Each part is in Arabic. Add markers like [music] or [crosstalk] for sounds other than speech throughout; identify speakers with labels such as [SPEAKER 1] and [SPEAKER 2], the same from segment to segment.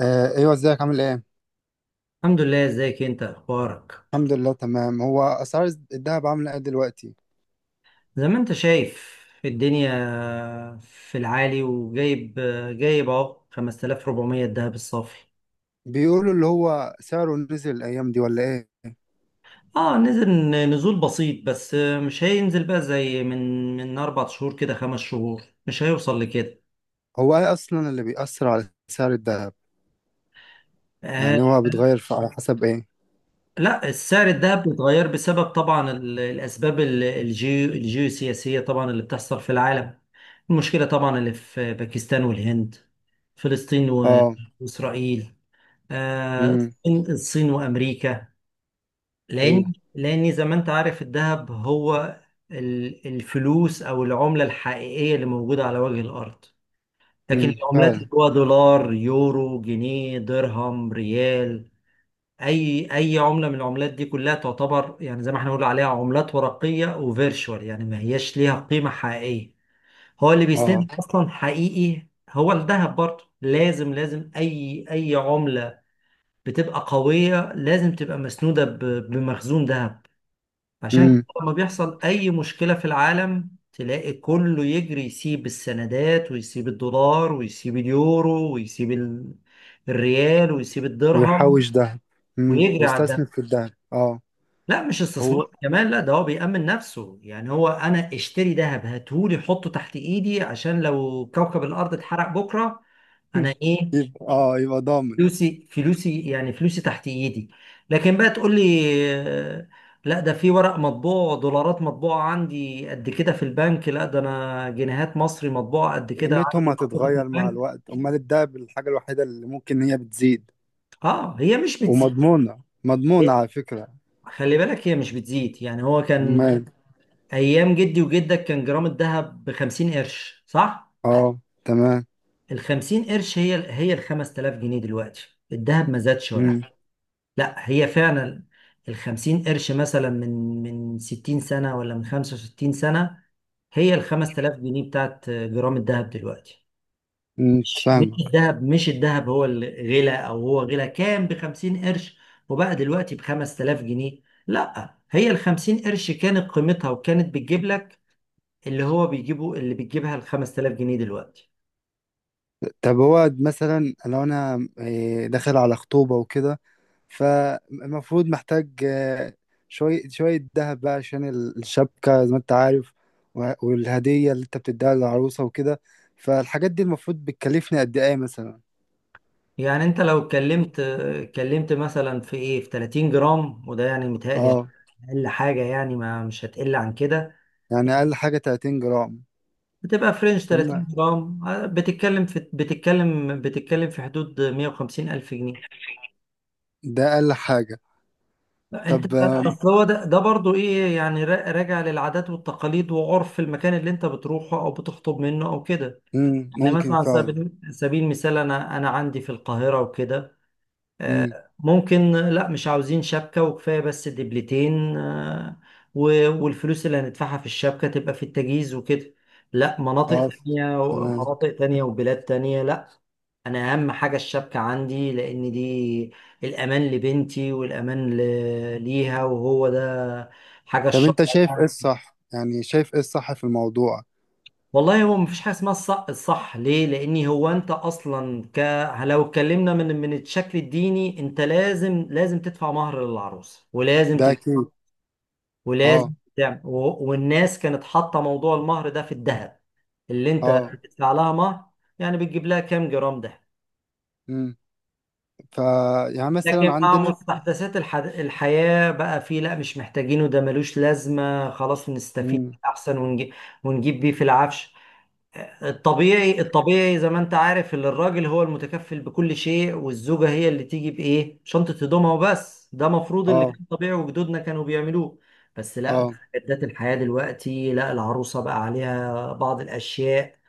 [SPEAKER 1] ايوه، ازيك عامل ايه؟
[SPEAKER 2] الحمد لله. ازيك؟ انت اخبارك؟
[SPEAKER 1] الحمد لله تمام. هو اسعار الذهب عامله ايه دلوقتي؟
[SPEAKER 2] زي ما انت شايف، الدنيا في العالي. وجايب اهو 5400، الدهب الصافي.
[SPEAKER 1] بيقولوا اللي هو سعره نزل الايام دي ولا ايه؟
[SPEAKER 2] اه، نزل. نزول بسيط، بس مش هينزل بقى زي من اربع شهور كده، خمس شهور. مش هيوصل لكده.
[SPEAKER 1] هو ايه اصلا اللي بيأثر على سعر الذهب؟
[SPEAKER 2] آه.
[SPEAKER 1] يعني هو على حسب ايه؟
[SPEAKER 2] لا، السعر الدهب بيتغير بسبب طبعا الاسباب الجيوسياسيه طبعا اللي بتحصل في العالم. المشكله طبعا اللي في باكستان والهند، فلسطين
[SPEAKER 1] اه.
[SPEAKER 2] واسرائيل، آه،
[SPEAKER 1] امم
[SPEAKER 2] الصين وامريكا. لان
[SPEAKER 1] ايوه.
[SPEAKER 2] لان زي ما انت عارف، الذهب هو الفلوس او العمله الحقيقيه اللي موجوده على وجه الارض. لكن العملات اللي
[SPEAKER 1] فعلا.
[SPEAKER 2] هو دولار، يورو، جنيه، درهم، ريال، اي عمله من العملات دي كلها تعتبر، يعني زي ما احنا بنقول عليها، عملات ورقيه وفيرتشوال، يعني ما هياش ليها قيمه حقيقيه. هو اللي
[SPEAKER 1] اه.
[SPEAKER 2] بيسند اصلا حقيقي هو الذهب. برضه لازم، لازم اي عمله بتبقى قوية لازم تبقى مسنودة بمخزون ذهب. عشان كده
[SPEAKER 1] امم
[SPEAKER 2] لما بيحصل أي مشكلة في العالم، تلاقي كله يجري يسيب السندات، ويسيب الدولار، ويسيب اليورو، ويسيب الريال، ويسيب الدرهم،
[SPEAKER 1] ويحوش ذهب.
[SPEAKER 2] ويجري على الذهب.
[SPEAKER 1] ويستثمر في الذهب، اه.
[SPEAKER 2] لا، مش
[SPEAKER 1] هو
[SPEAKER 2] استثمار كمان، لا، ده هو بيأمن نفسه. يعني هو أنا اشتري ذهب، هاتهولي حطه تحت إيدي، عشان لو كوكب الأرض اتحرق بكرة
[SPEAKER 1] [clears throat]
[SPEAKER 2] أنا
[SPEAKER 1] [laughs]
[SPEAKER 2] إيه.
[SPEAKER 1] يبقى اه، يبقى ضامن.
[SPEAKER 2] فلوسي، يعني فلوسي تحت ايدي. لكن بقى تقول لي، آه، لا ده في ورق مطبوع دولارات مطبوعة عندي قد كده في البنك. لا ده انا جنيهات مصري مطبوعة قد كده
[SPEAKER 1] قيمتهم
[SPEAKER 2] عندي محطوطة في
[SPEAKER 1] هتتغير مع
[SPEAKER 2] البنك.
[SPEAKER 1] الوقت، امال الذهب الحاجه الوحيده اللي ممكن هي بتزيد
[SPEAKER 2] اه، هي مش بتزيد.
[SPEAKER 1] ومضمونه، مضمونه على فكره.
[SPEAKER 2] خلي بالك، هي مش بتزيد. يعني هو كان
[SPEAKER 1] مال؟
[SPEAKER 2] ايام جدي وجدك كان جرام الذهب ب 50 قرش، صح؟
[SPEAKER 1] اه. تمام.
[SPEAKER 2] ال 50 قرش هي هي ال 5000 جنيه دلوقتي. الذهب ما زادش ولا،
[SPEAKER 1] امم
[SPEAKER 2] لا هي فعلا. الخمسين قرش مثلا من ستين سنة، ولا من خمسة وستين سنة، هي الخمس تلاف جنيه بتاعت جرام الذهب دلوقتي.
[SPEAKER 1] أمم،
[SPEAKER 2] مش
[SPEAKER 1] فاهمك.
[SPEAKER 2] الذهب، مش الذهب هو اللي غلا. أو هو غلا، كان بخمسين قرش وبقى دلوقتي بخمس تلاف جنيه. لا، هي الخمسين قرش كانت قيمتها وكانت بتجيب لك اللي هو بيجيبه اللي بتجيبها الخمس تلاف جنيه دلوقتي.
[SPEAKER 1] طب هو مثلا لو انا داخل على خطوبة وكده، فالمفروض محتاج شوية شوية دهب بقى عشان الشبكة زي ما انت عارف، والهدية اللي انت بتديها للعروسة وكده. فالحاجات دي المفروض بتكلفني قد ايه مثلا؟
[SPEAKER 2] يعني انت لو اتكلمت مثلا في ايه، في 30 جرام، وده يعني متهيألي
[SPEAKER 1] اه.
[SPEAKER 2] اقل حاجه، يعني ما مش هتقل عن كده.
[SPEAKER 1] يعني اقل حاجة 30 جرام.
[SPEAKER 2] بتبقى فرنش 30
[SPEAKER 1] تمام،
[SPEAKER 2] جرام. بتتكلم في حدود 150 الف جنيه.
[SPEAKER 1] ده اقل حاجة.
[SPEAKER 2] انت
[SPEAKER 1] طب آم،
[SPEAKER 2] اصل هو ده، ده برضو ايه يعني، راجع للعادات والتقاليد وعرف المكان اللي انت بتروحه او بتخطب منه او كده.
[SPEAKER 1] أمم،
[SPEAKER 2] يعني
[SPEAKER 1] ممكن
[SPEAKER 2] مثلا على
[SPEAKER 1] فعلا.
[SPEAKER 2] سبيل المثال، انا عندي في القاهره وكده،
[SPEAKER 1] امم
[SPEAKER 2] ممكن لا مش عاوزين شبكة وكفاية بس دبلتين، والفلوس اللي هندفعها في الشبكة تبقى في التجهيز وكده. لا، مناطق
[SPEAKER 1] اه.
[SPEAKER 2] تانية،
[SPEAKER 1] تمام.
[SPEAKER 2] مناطق تانية وبلاد تانية لا. أنا أهم حاجة الشبكة عندي، لأن دي الأمان لبنتي والأمان ليها، وهو ده حاجة
[SPEAKER 1] طب
[SPEAKER 2] الشرع.
[SPEAKER 1] انت شايف ايه الصح؟ يعني شايف ايه الصح في الموضوع؟
[SPEAKER 2] والله هو مفيش حاجه اسمها الصح. الصح ليه، لان هو انت اصلا لو اتكلمنا من الشكل الديني، انت لازم، لازم تدفع مهر للعروسه، ولازم
[SPEAKER 1] ده اكيد. اه.
[SPEAKER 2] ولازم تعمل والناس كانت حاطه موضوع المهر ده في الذهب. اللي انت
[SPEAKER 1] اه.
[SPEAKER 2] بتدفع لها مهر، يعني بتجيب لها كام جرام ده.
[SPEAKER 1] امم ف، يعني
[SPEAKER 2] لكن
[SPEAKER 1] مثلا
[SPEAKER 2] مع
[SPEAKER 1] عندنا.
[SPEAKER 2] مستحدثات الحياه بقى، في لا مش محتاجينه، ده ملوش لازمه، خلاص نستفيد
[SPEAKER 1] امم
[SPEAKER 2] احسن ونجيب بيه في العفش. الطبيعي، الطبيعي زي ما انت عارف، ان الراجل هو المتكفل بكل شيء، والزوجة هي اللي تيجي بايه شنطة هدومها وبس. ده مفروض اللي
[SPEAKER 1] اه.
[SPEAKER 2] كان طبيعي، وجدودنا كانوا بيعملوه. بس لا،
[SPEAKER 1] اه.
[SPEAKER 2] مستجدات الحياة دلوقتي، لا العروسة بقى عليها بعض الأشياء،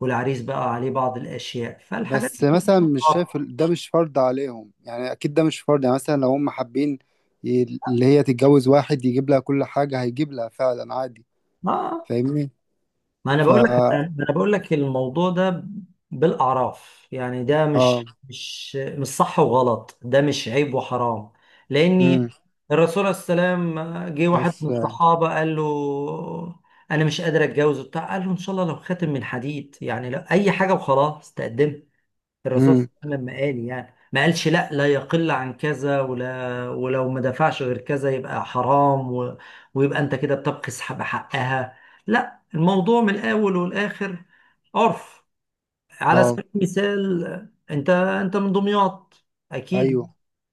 [SPEAKER 2] والعريس بقى عليه بعض الأشياء، فالحاجات
[SPEAKER 1] بس
[SPEAKER 2] دي
[SPEAKER 1] مثلا
[SPEAKER 2] كلها
[SPEAKER 1] مش
[SPEAKER 2] بتتغير.
[SPEAKER 1] شايف ده مش فرض عليهم، يعني اكيد ده مش فرض. يعني مثلا لو هم حابين، اللي هي تتجوز واحد يجيب لها كل حاجة، هيجيب لها فعلا عادي.
[SPEAKER 2] اه.
[SPEAKER 1] فاهمني؟
[SPEAKER 2] ما انا
[SPEAKER 1] ف
[SPEAKER 2] بقول لك ما انا بقول لك الموضوع ده بالاعراف، يعني ده
[SPEAKER 1] اه.
[SPEAKER 2] مش صح وغلط، ده مش عيب وحرام.
[SPEAKER 1] امم
[SPEAKER 2] لاني الرسول عليه السلام جه واحد
[SPEAKER 1] بس.
[SPEAKER 2] من الصحابه قال له، انا مش قادر اتجوز وبتاع. قال له، ان شاء الله لو خاتم من حديد، يعني لو اي حاجه وخلاص تقدمها. الرسول صلى
[SPEAKER 1] امم
[SPEAKER 2] الله عليه وسلم لما قال، يعني ما قالش لا لا يقل عن كذا، ولا ولو ما دفعش غير كذا يبقى حرام، ويبقى انت كده بتبخس بحقها. لا، الموضوع من الاول والاخر عرف. على
[SPEAKER 1] اه،
[SPEAKER 2] سبيل المثال، انت من دمياط،
[SPEAKER 1] ايوه.
[SPEAKER 2] اكيد.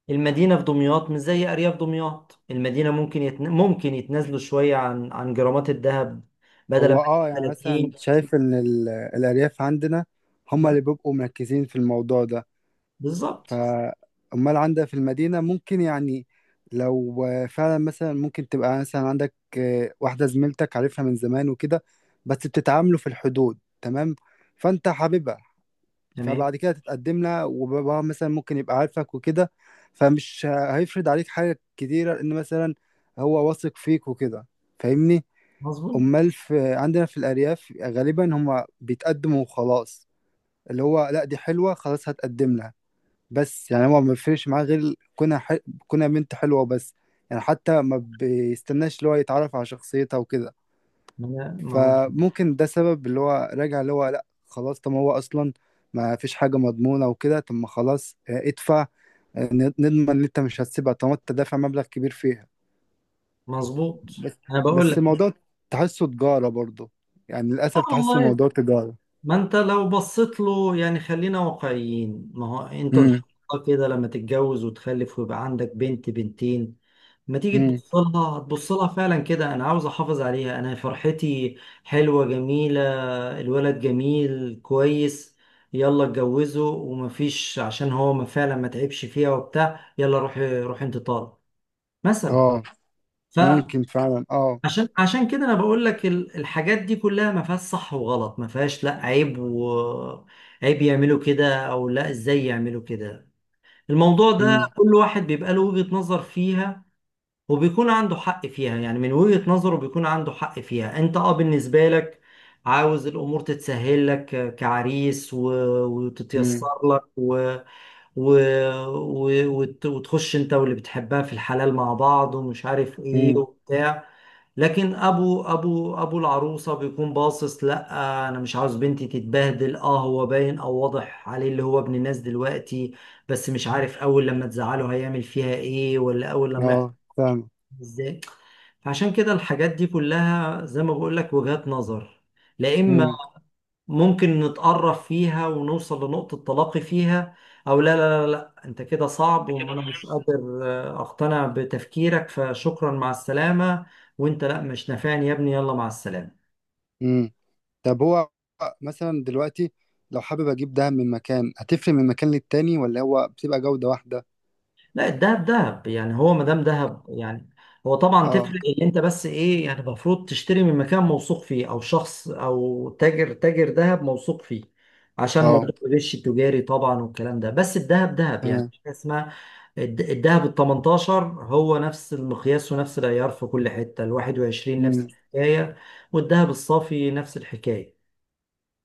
[SPEAKER 2] المدينة في دمياط مش زي ارياف دمياط. المدينة ممكن ممكن يتنازلوا شوية عن جرامات الذهب، بدل ما
[SPEAKER 1] هو اه، يعني
[SPEAKER 2] 30.
[SPEAKER 1] مثلا شايف ان الارياف عندنا هم اللي بيبقوا مركزين في الموضوع ده.
[SPEAKER 2] بالظبط.
[SPEAKER 1] فامال عندك في المدينه ممكن يعني، لو فعلا مثلا ممكن تبقى مثلا عندك واحده زميلتك عارفها من زمان وكده، بس بتتعاملوا في الحدود تمام، فانت حاببها،
[SPEAKER 2] تمام.
[SPEAKER 1] فبعد كده تتقدم لها، وباباها مثلا ممكن يبقى عارفك وكده، فمش هيفرض عليك حاجه كتيره، لان مثلا هو واثق فيك وكده. فاهمني؟
[SPEAKER 2] مظبوط.
[SPEAKER 1] امال في عندنا في الارياف غالبا هما بيتقدموا وخلاص، اللي هو لا دي حلوه خلاص، هتقدم لها. بس يعني هو ما بيفرقش معاه غير كونها كونها بنت حلوه بس، يعني حتى ما بيستناش اللي هو يتعرف على شخصيتها وكده.
[SPEAKER 2] ما هو.
[SPEAKER 1] فممكن ده سبب اللي هو راجع، اللي هو لا خلاص، طب ما هو اصلا ما فيش حاجه مضمونه وكده، طب ما خلاص ادفع، نضمن ان انت مش هتسيبها طالما انت دافع مبلغ كبير فيها.
[SPEAKER 2] مظبوط.
[SPEAKER 1] بس
[SPEAKER 2] انا بقول
[SPEAKER 1] بس
[SPEAKER 2] لك.
[SPEAKER 1] الموضوع تحسه تجارة برضه، يعني
[SPEAKER 2] لا
[SPEAKER 1] للأسف تحس
[SPEAKER 2] والله،
[SPEAKER 1] الموضوع تجارة.
[SPEAKER 2] ما انت لو بصيت له، يعني خلينا واقعيين. ما هو انت ان شاء
[SPEAKER 1] امم
[SPEAKER 2] الله كده لما تتجوز وتخلف ويبقى عندك بنت بنتين، ما تيجي
[SPEAKER 1] امم
[SPEAKER 2] تبص لها، تبص لها فعلا كده، انا عاوز احافظ عليها، انا فرحتي. حلوه، جميله، الولد جميل، كويس، يلا اتجوزه. ومفيش عشان هو ما، فعلا ما تعبش فيها وبتاع، يلا روح روح انت طالق، مثلا.
[SPEAKER 1] اه،
[SPEAKER 2] ف.
[SPEAKER 1] ممكن فعلا. اه.
[SPEAKER 2] عشان كده انا بقول لك الحاجات دي كلها ما فيهاش صح وغلط، ما فيهاش لا عيب و عيب يعملوا كده، او لا ازاي يعملوا كده. الموضوع ده
[SPEAKER 1] امم
[SPEAKER 2] كل واحد بيبقى له وجهة نظر فيها، وبيكون عنده حق فيها. يعني من وجهة نظره بيكون عنده حق فيها. انت اه بالنسبة لك، عاوز الامور تتسهل لك كعريس وتتيسر
[SPEAKER 1] امم
[SPEAKER 2] لك و... وتخش انت واللي بتحبها في الحلال مع بعض، ومش عارف ايه
[SPEAKER 1] امم
[SPEAKER 2] وبتاع. لكن ابو العروسه بيكون باصص، لا انا مش عاوز بنتي تتبهدل. اه، هو باين او واضح عليه اللي هو ابن الناس دلوقتي، بس مش عارف اول لما تزعله هيعمل فيها ايه، ولا اول لما يحصل
[SPEAKER 1] اه، فاهم.
[SPEAKER 2] ازاي. فعشان كده الحاجات دي كلها زي ما بقول لك، وجهات نظر. لا، اما
[SPEAKER 1] امم
[SPEAKER 2] ممكن نتقرب فيها ونوصل لنقطة تلاقي فيها، أو لا لا لا لا، أنت كده صعب وأنا مش قادر، أقتنع بتفكيرك، فشكرا مع السلامة. وأنت لا مش نافعني يا ابني، يلا مع السلامة.
[SPEAKER 1] امم طب هو مثلا دلوقتي لو حابب اجيب دهب من مكان، هتفرق من مكان للتاني ولا هو بتبقى جودة واحدة؟
[SPEAKER 2] لا، الدهب دهب يعني. هو ما دام دهب يعني، هو طبعا
[SPEAKER 1] اه.
[SPEAKER 2] تفرق ان انت بس ايه يعني، المفروض تشتري من مكان موثوق فيه، او شخص او تاجر دهب موثوق فيه، عشان
[SPEAKER 1] اه،
[SPEAKER 2] موضوع الغش التجاري طبعا والكلام ده. بس الدهب دهب يعني،
[SPEAKER 1] تمام.
[SPEAKER 2] مش حاجة اسمها الدهب ال 18 هو نفس المقياس ونفس العيار في كل حتة، ال 21
[SPEAKER 1] امم
[SPEAKER 2] نفس الحكاية، والدهب الصافي نفس الحكاية.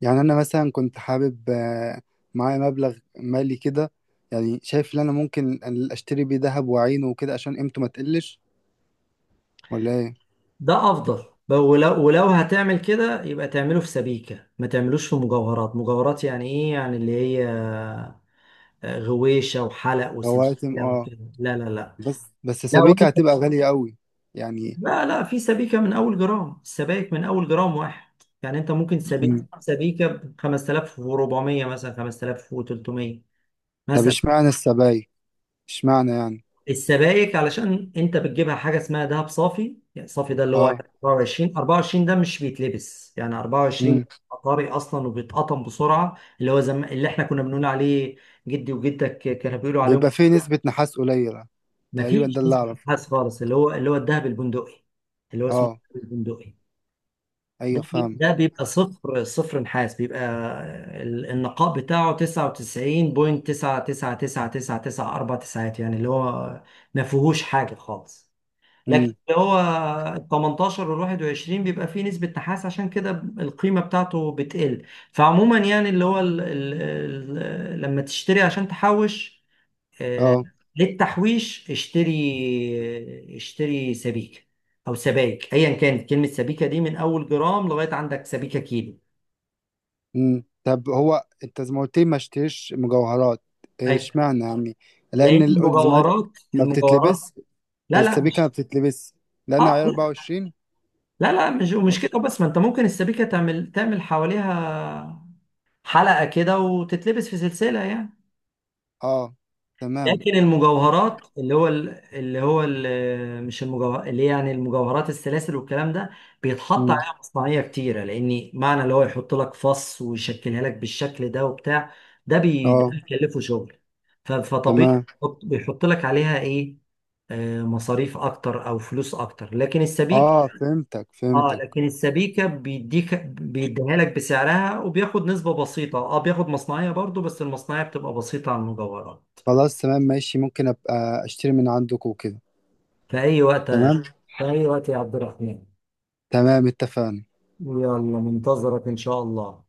[SPEAKER 1] يعني انا مثلا كنت حابب معايا مبلغ مالي كده، يعني شايف ان انا ممكن اشتري بيه دهب وأعينه وكده عشان قيمته ما تقلش، ولا ايه؟
[SPEAKER 2] ده افضل ولو، ولو هتعمل كده يبقى تعمله في سبيكة، ما تعملوش في مجوهرات. مجوهرات يعني ايه؟ يعني اللي هي غويشة وحلق
[SPEAKER 1] هو اتم
[SPEAKER 2] وسلسلة
[SPEAKER 1] اه.
[SPEAKER 2] وكده، لا لا لا.
[SPEAKER 1] بس
[SPEAKER 2] لا
[SPEAKER 1] سبيكة
[SPEAKER 2] وانت
[SPEAKER 1] هتبقى
[SPEAKER 2] [laughs]
[SPEAKER 1] غالية قوي يعني.
[SPEAKER 2] لا لا، في سبيكة من اول جرام. السبائك من اول جرام واحد. يعني انت ممكن
[SPEAKER 1] مم.
[SPEAKER 2] سبيكة ب 5400 مثلا، 5300
[SPEAKER 1] طب
[SPEAKER 2] مثلا.
[SPEAKER 1] اشمعنى السبايك؟ اشمعنى يعني؟
[SPEAKER 2] السبائك علشان انت بتجيبها حاجه اسمها دهب صافي، يعني صافي ده اللي هو
[SPEAKER 1] اه.
[SPEAKER 2] 24. 24 ده مش بيتلبس، يعني 24
[SPEAKER 1] مم.
[SPEAKER 2] طاري اصلا، وبيتقطم بسرعه، اللي هو اللي احنا كنا بنقول عليه، جدي وجدك كانوا بيقولوا عليهم،
[SPEAKER 1] بيبقى فيه نسبة نحاس قليلة
[SPEAKER 2] ما
[SPEAKER 1] تقريبا،
[SPEAKER 2] فيش
[SPEAKER 1] ده اللي
[SPEAKER 2] نسبه
[SPEAKER 1] اعرفه.
[SPEAKER 2] خالص، اللي هو اللي هو الذهب البندقي. اللي هو اسمه
[SPEAKER 1] اه،
[SPEAKER 2] الذهب البندقي.
[SPEAKER 1] ايوه
[SPEAKER 2] ده
[SPEAKER 1] فاهمك.
[SPEAKER 2] بيبقى صفر صفر نحاس، بيبقى النقاء بتاعه 99.99999، اربع تسعات، يعني اللي هو ما فيهوش حاجه خالص. لكن
[SPEAKER 1] مم.
[SPEAKER 2] اللي هو ال 18 وال 21 بيبقى فيه نسبة نحاس، عشان كده القيمة بتاعته بتقل. فعموما يعني اللي هو ال لما تشتري عشان تحوش، آه،
[SPEAKER 1] اه.
[SPEAKER 2] للتحويش اشتري سبيكة، أو سبايك أيا كانت، كلمة سبيكة دي من أول جرام لغاية عندك سبيكة كيلو.
[SPEAKER 1] مم. طب هو انت زي ما قلت لي ما اشتريش مجوهرات، إيه
[SPEAKER 2] أيوة.
[SPEAKER 1] اشمعنى يا عمي؟
[SPEAKER 2] لأن
[SPEAKER 1] لان الالزمات
[SPEAKER 2] المجوهرات،
[SPEAKER 1] ما
[SPEAKER 2] المجوهرات
[SPEAKER 1] بتتلبس؟
[SPEAKER 2] لا لا
[SPEAKER 1] السبيكة
[SPEAKER 2] مش،
[SPEAKER 1] ما بتتلبس لان
[SPEAKER 2] اه
[SPEAKER 1] عيار 24؟
[SPEAKER 2] لا لا لا، مش مش كده بس. ما انت ممكن السبيكه تعمل حواليها حلقة كده وتتلبس في سلسلة يعني.
[SPEAKER 1] اه. تمام.
[SPEAKER 2] لكن المجوهرات اللي هو مش المجوهر اللي يعني، المجوهرات، السلاسل والكلام ده، بيتحط
[SPEAKER 1] مم.
[SPEAKER 2] عليها مصنعية كتيرة، لأن معنى اللي هو يحط لك فص ويشكلها لك بالشكل ده وبتاع، ده ده
[SPEAKER 1] اه.
[SPEAKER 2] بيكلفه شغل. فطبيعي
[SPEAKER 1] تمام.
[SPEAKER 2] بيحط لك عليها إيه، مصاريف أكتر أو فلوس أكتر. لكن السبيك،
[SPEAKER 1] اه، فهمتك
[SPEAKER 2] اه
[SPEAKER 1] فهمتك.
[SPEAKER 2] لكن السبيكة بيديها لك بسعرها، وبياخد نسبة بسيطة، اه بياخد مصنعية برضو، بس المصنعية بتبقى بسيطة عن المجوهرات.
[SPEAKER 1] خلاص تمام ماشي، ممكن ابقى اشتري من عندك وكده.
[SPEAKER 2] في أي وقت،
[SPEAKER 1] تمام.
[SPEAKER 2] في أي وقت يا عبد الرحمن.
[SPEAKER 1] تمام، اتفقنا.
[SPEAKER 2] يلا منتظرك إن شاء الله.